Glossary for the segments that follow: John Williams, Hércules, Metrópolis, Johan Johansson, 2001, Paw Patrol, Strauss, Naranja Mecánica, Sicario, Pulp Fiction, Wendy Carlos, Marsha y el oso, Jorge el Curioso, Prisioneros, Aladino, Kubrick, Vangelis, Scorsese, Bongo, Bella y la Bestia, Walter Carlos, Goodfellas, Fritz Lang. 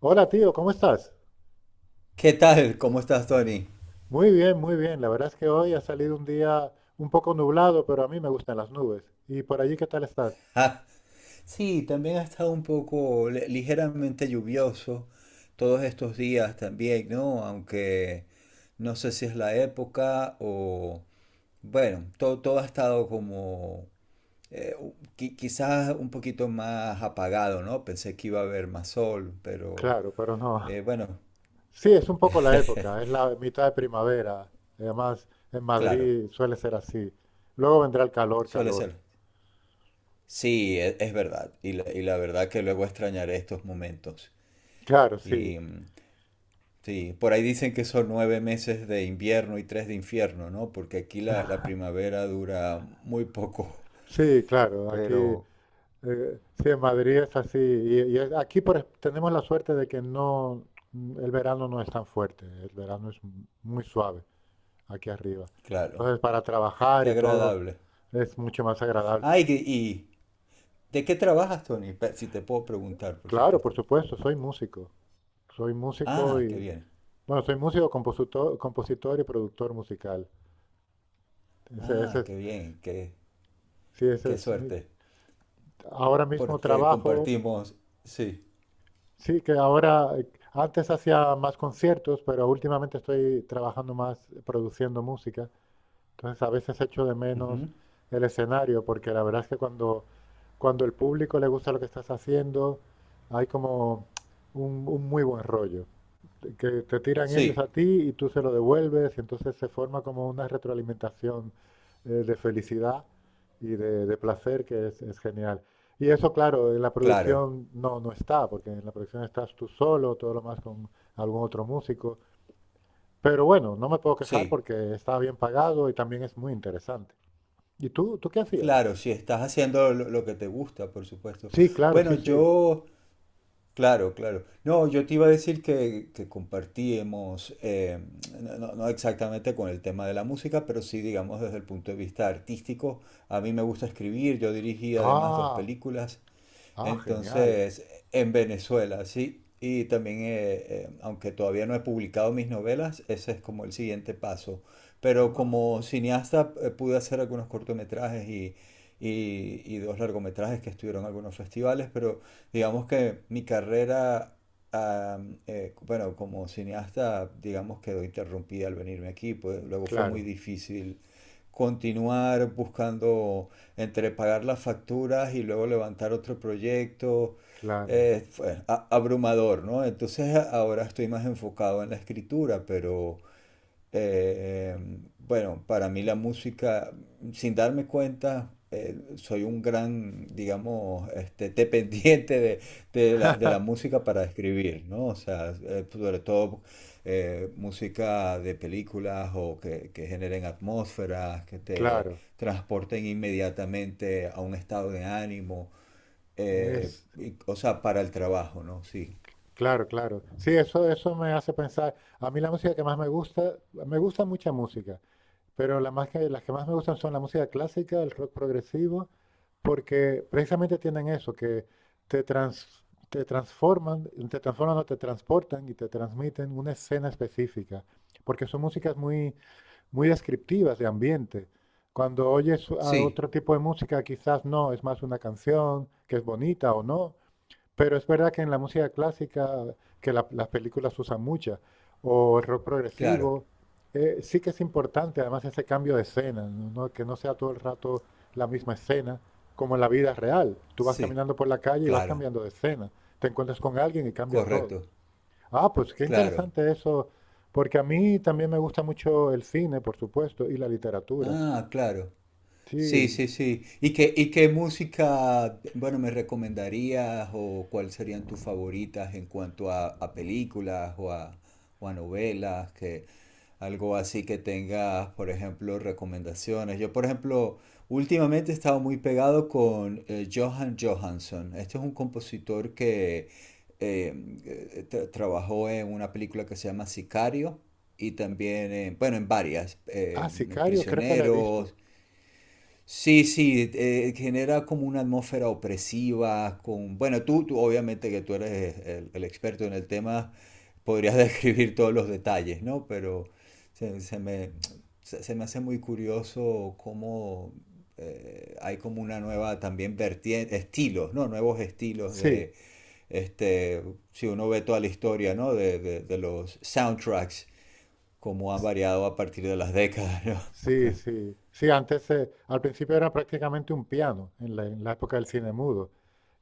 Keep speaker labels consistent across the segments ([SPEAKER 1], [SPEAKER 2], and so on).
[SPEAKER 1] Hola tío, ¿cómo estás?
[SPEAKER 2] ¿Qué tal? ¿Cómo estás, Tony?
[SPEAKER 1] Muy bien, muy bien. La verdad es que hoy ha salido un día un poco nublado, pero a mí me gustan las nubes. ¿Y por allí qué tal estás?
[SPEAKER 2] Ah, sí, también ha estado un poco ligeramente lluvioso todos estos días también, ¿no? Aunque no sé si es la época o... Bueno, todo ha estado como... quizás un poquito más apagado, ¿no? Pensé que iba a haber más sol, pero
[SPEAKER 1] Claro, pero no.
[SPEAKER 2] bueno,
[SPEAKER 1] Sí, es un poco la época, es la mitad de primavera. Además, en
[SPEAKER 2] claro,
[SPEAKER 1] Madrid suele ser así. Luego vendrá el calor,
[SPEAKER 2] suele
[SPEAKER 1] calor.
[SPEAKER 2] ser. Sí, es, verdad. Y la verdad que luego extrañaré estos momentos.
[SPEAKER 1] Claro, sí,
[SPEAKER 2] Sí, por ahí dicen que son nueve meses de invierno y tres de infierno, ¿no? Porque aquí la primavera dura muy poco.
[SPEAKER 1] sí, claro. Aquí,
[SPEAKER 2] Pero,
[SPEAKER 1] sí, en Madrid es así. Y aquí por, tenemos la suerte de que no, el verano no es tan fuerte, el verano es muy suave aquí arriba.
[SPEAKER 2] claro,
[SPEAKER 1] Entonces, para trabajar
[SPEAKER 2] qué
[SPEAKER 1] y todo
[SPEAKER 2] agradable.
[SPEAKER 1] es mucho más agradable.
[SPEAKER 2] Ah, y ¿de qué trabajas, Tony? Si te puedo preguntar, por
[SPEAKER 1] Claro,
[SPEAKER 2] supuesto.
[SPEAKER 1] por supuesto, soy músico. Soy músico
[SPEAKER 2] Ah, qué
[SPEAKER 1] y,
[SPEAKER 2] bien.
[SPEAKER 1] bueno, soy músico, compositor, compositor y productor musical. Ese
[SPEAKER 2] Ah,
[SPEAKER 1] es,
[SPEAKER 2] qué bien, qué,
[SPEAKER 1] sí, ese
[SPEAKER 2] qué
[SPEAKER 1] es mi,
[SPEAKER 2] suerte.
[SPEAKER 1] ahora mismo
[SPEAKER 2] Porque
[SPEAKER 1] trabajo,
[SPEAKER 2] compartimos, sí.
[SPEAKER 1] sí que ahora, antes hacía más conciertos, pero últimamente estoy trabajando más produciendo música. Entonces a veces echo de menos
[SPEAKER 2] Ujú.
[SPEAKER 1] el escenario, porque la verdad es que cuando, cuando el público le gusta lo que estás haciendo, hay como un muy buen rollo, de que te tiran ellos a
[SPEAKER 2] Sí,
[SPEAKER 1] ti y tú se lo devuelves, y entonces se forma como una retroalimentación de felicidad y de placer que es genial. Y eso, claro, en la
[SPEAKER 2] claro,
[SPEAKER 1] producción no, no está, porque en la producción estás tú solo, todo lo más con algún otro músico. Pero bueno, no me puedo quejar
[SPEAKER 2] sí,
[SPEAKER 1] porque estaba bien pagado y también es muy interesante. ¿Y tú qué hacías?
[SPEAKER 2] claro, si estás haciendo lo que te gusta, por supuesto.
[SPEAKER 1] Sí, claro,
[SPEAKER 2] Bueno,
[SPEAKER 1] sí, sí.
[SPEAKER 2] yo claro, claro. No, yo te iba a decir que compartíamos, no, no exactamente con el tema de la música, pero sí, digamos, desde el punto de vista artístico. A mí me gusta escribir, yo dirigí además dos
[SPEAKER 1] Ah,
[SPEAKER 2] películas
[SPEAKER 1] ah, genial.
[SPEAKER 2] entonces, en Venezuela, sí. Y también, aunque todavía no he publicado mis novelas, ese es como el siguiente paso. Pero
[SPEAKER 1] Guau.
[SPEAKER 2] como cineasta pude hacer algunos cortometrajes y, y dos largometrajes que estuvieron en algunos festivales, pero digamos que mi carrera, bueno, como cineasta, digamos quedó interrumpida al venirme aquí, pues luego fue muy
[SPEAKER 1] Claro,
[SPEAKER 2] difícil continuar buscando entre pagar las facturas y luego levantar otro proyecto,
[SPEAKER 1] claro,
[SPEAKER 2] fue abrumador, ¿no? Entonces ahora estoy más enfocado en la escritura, pero eh, bueno, para mí la música, sin darme cuenta, soy un gran, digamos, este, dependiente de, de la música para escribir, ¿no? O sea, sobre todo música de películas o que generen atmósferas, que te
[SPEAKER 1] claro.
[SPEAKER 2] transporten inmediatamente a un estado de ánimo,
[SPEAKER 1] Es,
[SPEAKER 2] o sea, para el trabajo, ¿no? Sí,
[SPEAKER 1] claro, claro. Sí, eso me hace pensar. A mí la música que más me gusta mucha música, pero la más las que más me gustan son la música clásica, el rock progresivo, porque precisamente tienen eso, que te trans- te transforman o te transportan y te transmiten una escena específica, porque son músicas muy, muy descriptivas de ambiente. Cuando oyes a
[SPEAKER 2] sí,
[SPEAKER 1] otro tipo de música, quizás no, es más una canción que es bonita o no, pero es verdad que en la música clásica, que las películas usan muchas, o el rock
[SPEAKER 2] claro,
[SPEAKER 1] progresivo, sí que es importante además ese cambio de escena, ¿no? Que no sea todo el rato la misma escena, como en la vida real. Tú vas
[SPEAKER 2] sí,
[SPEAKER 1] caminando por la calle y vas
[SPEAKER 2] claro,
[SPEAKER 1] cambiando de escena, te encuentras con alguien y cambia todo.
[SPEAKER 2] correcto.
[SPEAKER 1] Ah, pues qué
[SPEAKER 2] Claro.
[SPEAKER 1] interesante eso, porque a mí también me gusta mucho el cine, por supuesto, y la literatura.
[SPEAKER 2] Ah, claro. Sí,
[SPEAKER 1] Sí,
[SPEAKER 2] sí, sí. Y qué música, bueno, me recomendarías o cuáles serían tus favoritas en cuanto a películas o a novelas? Que, algo así que tengas, por ejemplo, recomendaciones. Yo, por ejemplo, últimamente he estado muy pegado con Johan Johansson. Este es un compositor que eh, trabajó en una película que se llama Sicario y también, bueno, en varias,
[SPEAKER 1] ah, Sicario creo que la he visto.
[SPEAKER 2] Prisioneros, sí, sí, genera como una atmósfera opresiva, con, bueno, tú obviamente que tú eres el experto en el tema, podrías describir todos los detalles, ¿no? Pero se, se me, se me hace muy curioso cómo hay como una nueva también vertiente, estilos, ¿no? Nuevos estilos
[SPEAKER 1] Sí,
[SPEAKER 2] de, este, si uno ve toda la historia, ¿no? De los soundtracks, cómo han variado a partir de las décadas, ¿no?
[SPEAKER 1] sí, sí. Sí, antes, al principio era prácticamente un piano, en la época del cine mudo.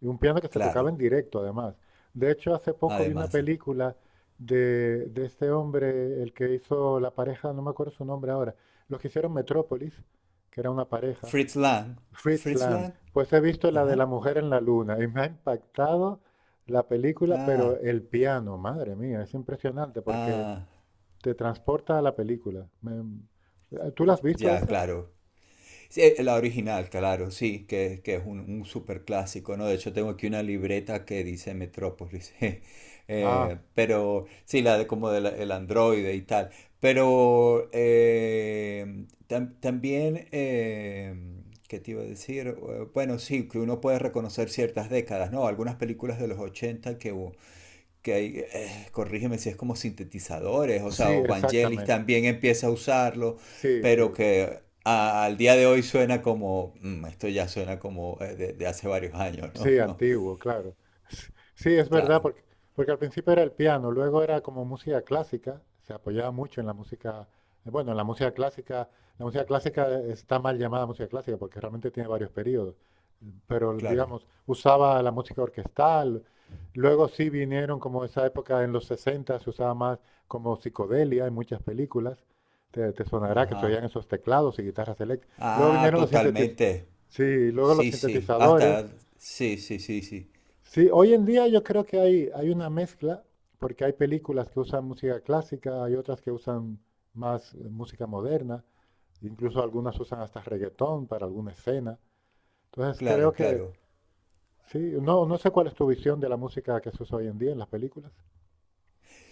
[SPEAKER 1] Y un piano que se tocaba
[SPEAKER 2] Claro,
[SPEAKER 1] en directo, además. De hecho, hace poco vi una
[SPEAKER 2] además.
[SPEAKER 1] película de este hombre, el que hizo la pareja, no me acuerdo su nombre ahora, los que hicieron Metrópolis, que era una pareja,
[SPEAKER 2] Fritz Lang.
[SPEAKER 1] Fritz
[SPEAKER 2] Fritz
[SPEAKER 1] Lang.
[SPEAKER 2] Lang.
[SPEAKER 1] Pues he visto la de
[SPEAKER 2] Ajá.
[SPEAKER 1] la mujer en la luna y me ha impactado la película, pero
[SPEAKER 2] Ah,
[SPEAKER 1] el piano, madre mía, es impresionante porque
[SPEAKER 2] ah.
[SPEAKER 1] te transporta a la película. ¿Tú la has visto
[SPEAKER 2] Ya,
[SPEAKER 1] esa?
[SPEAKER 2] claro. Sí, la original, claro, sí, que es un super clásico, ¿no? De hecho, tengo aquí una libreta que dice Metrópolis.
[SPEAKER 1] Ah,
[SPEAKER 2] Pero sí, la de como del el androide y tal. Pero también, ¿qué te iba a decir? Bueno, sí, que uno puede reconocer ciertas décadas, ¿no? Algunas películas de los 80 que, que hay, corrígeme si es como sintetizadores, o
[SPEAKER 1] sí,
[SPEAKER 2] sea, o Vangelis
[SPEAKER 1] exactamente.
[SPEAKER 2] también empieza a usarlo,
[SPEAKER 1] Sí,
[SPEAKER 2] pero
[SPEAKER 1] sí.
[SPEAKER 2] que al día de hoy suena como, "Mm, esto ya suena como de hace varios años, ¿no?
[SPEAKER 1] Sí,
[SPEAKER 2] No,
[SPEAKER 1] antiguo, claro. Sí, es verdad,
[SPEAKER 2] claro,
[SPEAKER 1] porque, porque al principio era el piano, luego era como música clásica, se apoyaba mucho en la música, bueno, en la música clásica está mal llamada música clásica porque realmente tiene varios periodos, pero
[SPEAKER 2] claro.
[SPEAKER 1] digamos, usaba la música orquestal, luego sí vinieron como esa época en los 60 se usaba más como psicodelia en muchas películas, te sonará que se
[SPEAKER 2] Ajá.
[SPEAKER 1] oían esos teclados y guitarras eléctricas, luego
[SPEAKER 2] Ah,
[SPEAKER 1] vinieron los
[SPEAKER 2] totalmente.
[SPEAKER 1] sí, luego los
[SPEAKER 2] Sí, sí.
[SPEAKER 1] sintetizadores.
[SPEAKER 2] Hasta, sí, sí, sí, sí.
[SPEAKER 1] Sí, hoy en día yo creo que hay una mezcla, porque hay películas que usan música clásica, hay otras que usan más música moderna, incluso algunas usan hasta reggaetón para alguna escena. Entonces creo
[SPEAKER 2] Claro,
[SPEAKER 1] que,
[SPEAKER 2] claro.
[SPEAKER 1] sí, no, no sé cuál es tu visión de la música que se usa hoy en día en las películas.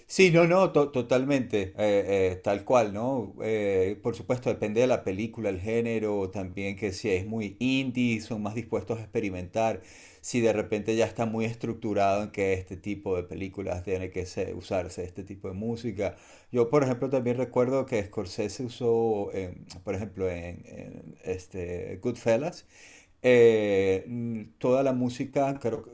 [SPEAKER 2] Sí, no, no, totalmente, tal cual, ¿no? Por supuesto, depende de la película, el género, también que si es muy indie, son más dispuestos a experimentar, si de repente ya está muy estructurado en que este tipo de películas tiene que usarse este tipo de música. Yo, por ejemplo, también recuerdo que Scorsese usó, por ejemplo, en este Goodfellas, toda la música, creo,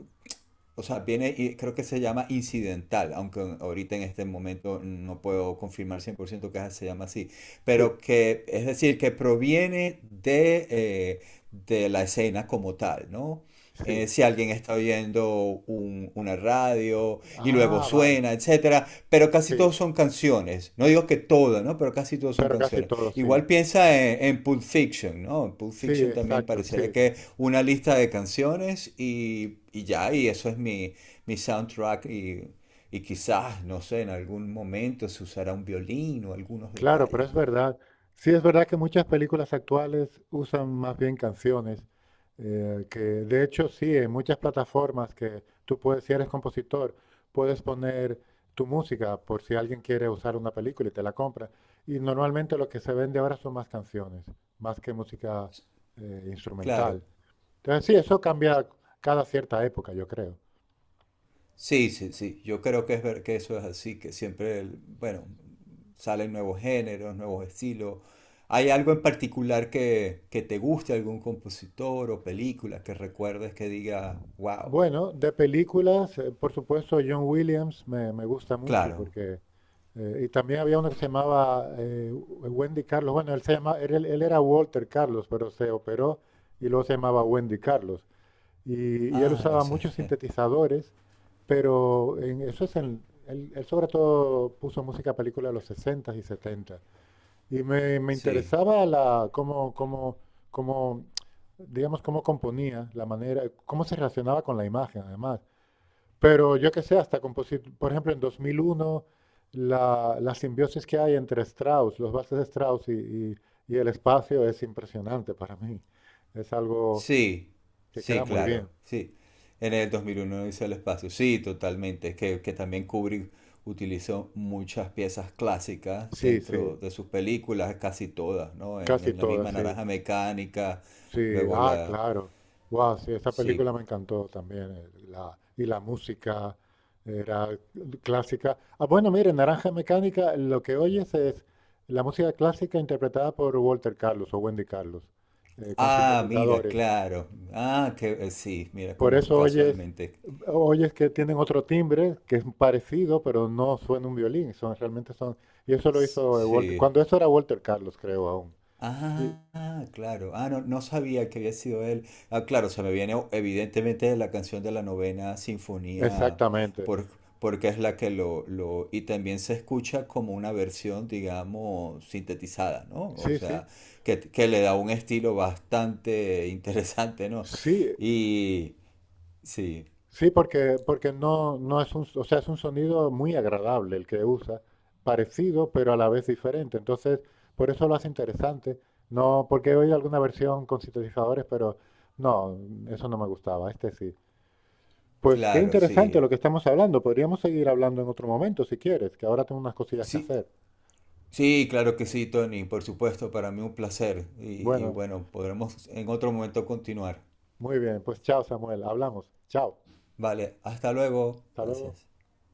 [SPEAKER 2] o sea, viene y creo que se llama incidental, aunque ahorita en este momento no puedo confirmar 100% que se llama así,
[SPEAKER 1] Sí,
[SPEAKER 2] pero que es decir, que proviene de la escena como tal, ¿no?
[SPEAKER 1] sí.
[SPEAKER 2] Si alguien está oyendo una radio y luego
[SPEAKER 1] Ah, vale.
[SPEAKER 2] suena, etcétera, pero casi todos
[SPEAKER 1] Sí,
[SPEAKER 2] son canciones. No digo que todas, ¿no? Pero casi todos son
[SPEAKER 1] pero casi
[SPEAKER 2] canciones.
[SPEAKER 1] todo, sí.
[SPEAKER 2] Igual piensa en Pulp Fiction, ¿no? En Pulp
[SPEAKER 1] Sí,
[SPEAKER 2] Fiction también
[SPEAKER 1] exacto,
[SPEAKER 2] pareciera
[SPEAKER 1] sí.
[SPEAKER 2] que una lista de canciones y ya, y eso es mi, mi soundtrack y quizás, no sé, en algún momento se usará un violín o algunos
[SPEAKER 1] Claro, pero
[SPEAKER 2] detalles.
[SPEAKER 1] es verdad. Sí, es verdad que muchas películas actuales usan más bien canciones, que de hecho sí, en muchas plataformas que tú puedes, si eres compositor, puedes poner tu música por si alguien quiere usar una película y te la compra. Y normalmente lo que se vende ahora son más canciones, más que música
[SPEAKER 2] Claro,
[SPEAKER 1] instrumental. Entonces sí, eso cambia cada cierta época, yo creo.
[SPEAKER 2] sí, sí, sí, yo creo que es ver que eso es así, que siempre, el- bueno, salen nuevos géneros, nuevos estilos. ¿Hay algo en particular que te guste, algún compositor o película que recuerdes que diga, wow?
[SPEAKER 1] Bueno, de películas, por supuesto, John Williams me gusta mucho
[SPEAKER 2] Claro,
[SPEAKER 1] porque… y también había uno que se llamaba Wendy Carlos. Bueno, él, se llama, él era Walter Carlos, pero se operó y luego se llamaba Wendy Carlos. Y él
[SPEAKER 2] ah, lo
[SPEAKER 1] usaba
[SPEAKER 2] sé.
[SPEAKER 1] muchos sintetizadores, pero en, eso es en, él sobre todo puso música a películas de los 60 y 70. Y me
[SPEAKER 2] Sí,
[SPEAKER 1] interesaba la, cómo, cómo, cómo, digamos, cómo componía, la manera, cómo se relacionaba con la imagen, además. Pero yo que sé, hasta por ejemplo, en 2001, la, la simbiosis que hay entre Strauss, los valses de Strauss y, y- y el espacio es impresionante para mí. Es algo
[SPEAKER 2] sí,
[SPEAKER 1] que
[SPEAKER 2] sí,
[SPEAKER 1] queda muy bien.
[SPEAKER 2] claro, sí. En el 2001 hizo el espacio, sí, totalmente. Es que también Kubrick utilizó muchas piezas clásicas
[SPEAKER 1] Sí, sí,
[SPEAKER 2] dentro de sus películas, casi todas, ¿no?
[SPEAKER 1] casi
[SPEAKER 2] En la
[SPEAKER 1] todas,
[SPEAKER 2] misma
[SPEAKER 1] sí.
[SPEAKER 2] Naranja Mecánica,
[SPEAKER 1] Sí,
[SPEAKER 2] luego
[SPEAKER 1] ah,
[SPEAKER 2] la...
[SPEAKER 1] claro. Wow, sí, esa
[SPEAKER 2] Sí.
[SPEAKER 1] película me encantó también. Y la música era clásica. Ah, bueno, mire, Naranja Mecánica, lo que oyes es la música clásica interpretada por Walter Carlos o Wendy Carlos, con
[SPEAKER 2] Ah, mira,
[SPEAKER 1] sintetizadores.
[SPEAKER 2] claro. Ah, que sí, mira
[SPEAKER 1] Por
[SPEAKER 2] cómo
[SPEAKER 1] eso oyes,
[SPEAKER 2] casualmente.
[SPEAKER 1] oyes que tienen otro timbre que es parecido, pero no suena un violín. Son, realmente son. Y eso lo hizo Walter,
[SPEAKER 2] Sí.
[SPEAKER 1] cuando eso era Walter Carlos, creo aún. Y-
[SPEAKER 2] Ah, claro. Ah, no, no sabía que había sido él. Ah, claro, se me viene evidentemente la canción de la novena sinfonía,
[SPEAKER 1] Exactamente.
[SPEAKER 2] por- porque es la que lo... Y también se escucha como una versión, digamos, sintetizada, ¿no? O
[SPEAKER 1] Sí, sí.
[SPEAKER 2] sea, que le da un estilo bastante interesante, ¿no?
[SPEAKER 1] Sí,
[SPEAKER 2] Y sí,
[SPEAKER 1] sí, porque, porque no, no es un, o sea, es un sonido muy agradable el que usa, parecido pero a la vez diferente. Entonces, por eso lo hace interesante. No, porque he oído alguna versión con sintetizadores, pero no, eso no me gustaba. Este sí. Pues qué
[SPEAKER 2] claro,
[SPEAKER 1] interesante
[SPEAKER 2] sí.
[SPEAKER 1] lo que estamos hablando. Podríamos seguir hablando en otro momento si quieres, que ahora tengo unas cosillas que
[SPEAKER 2] Sí,
[SPEAKER 1] hacer.
[SPEAKER 2] sí, claro que sí, Tony, por supuesto, para mí un placer. Y
[SPEAKER 1] Bueno,
[SPEAKER 2] bueno, podremos en otro momento continuar.
[SPEAKER 1] muy bien. Pues chao, Samuel. Hablamos. Chao.
[SPEAKER 2] Vale, hasta luego.
[SPEAKER 1] Hasta luego.
[SPEAKER 2] Gracias.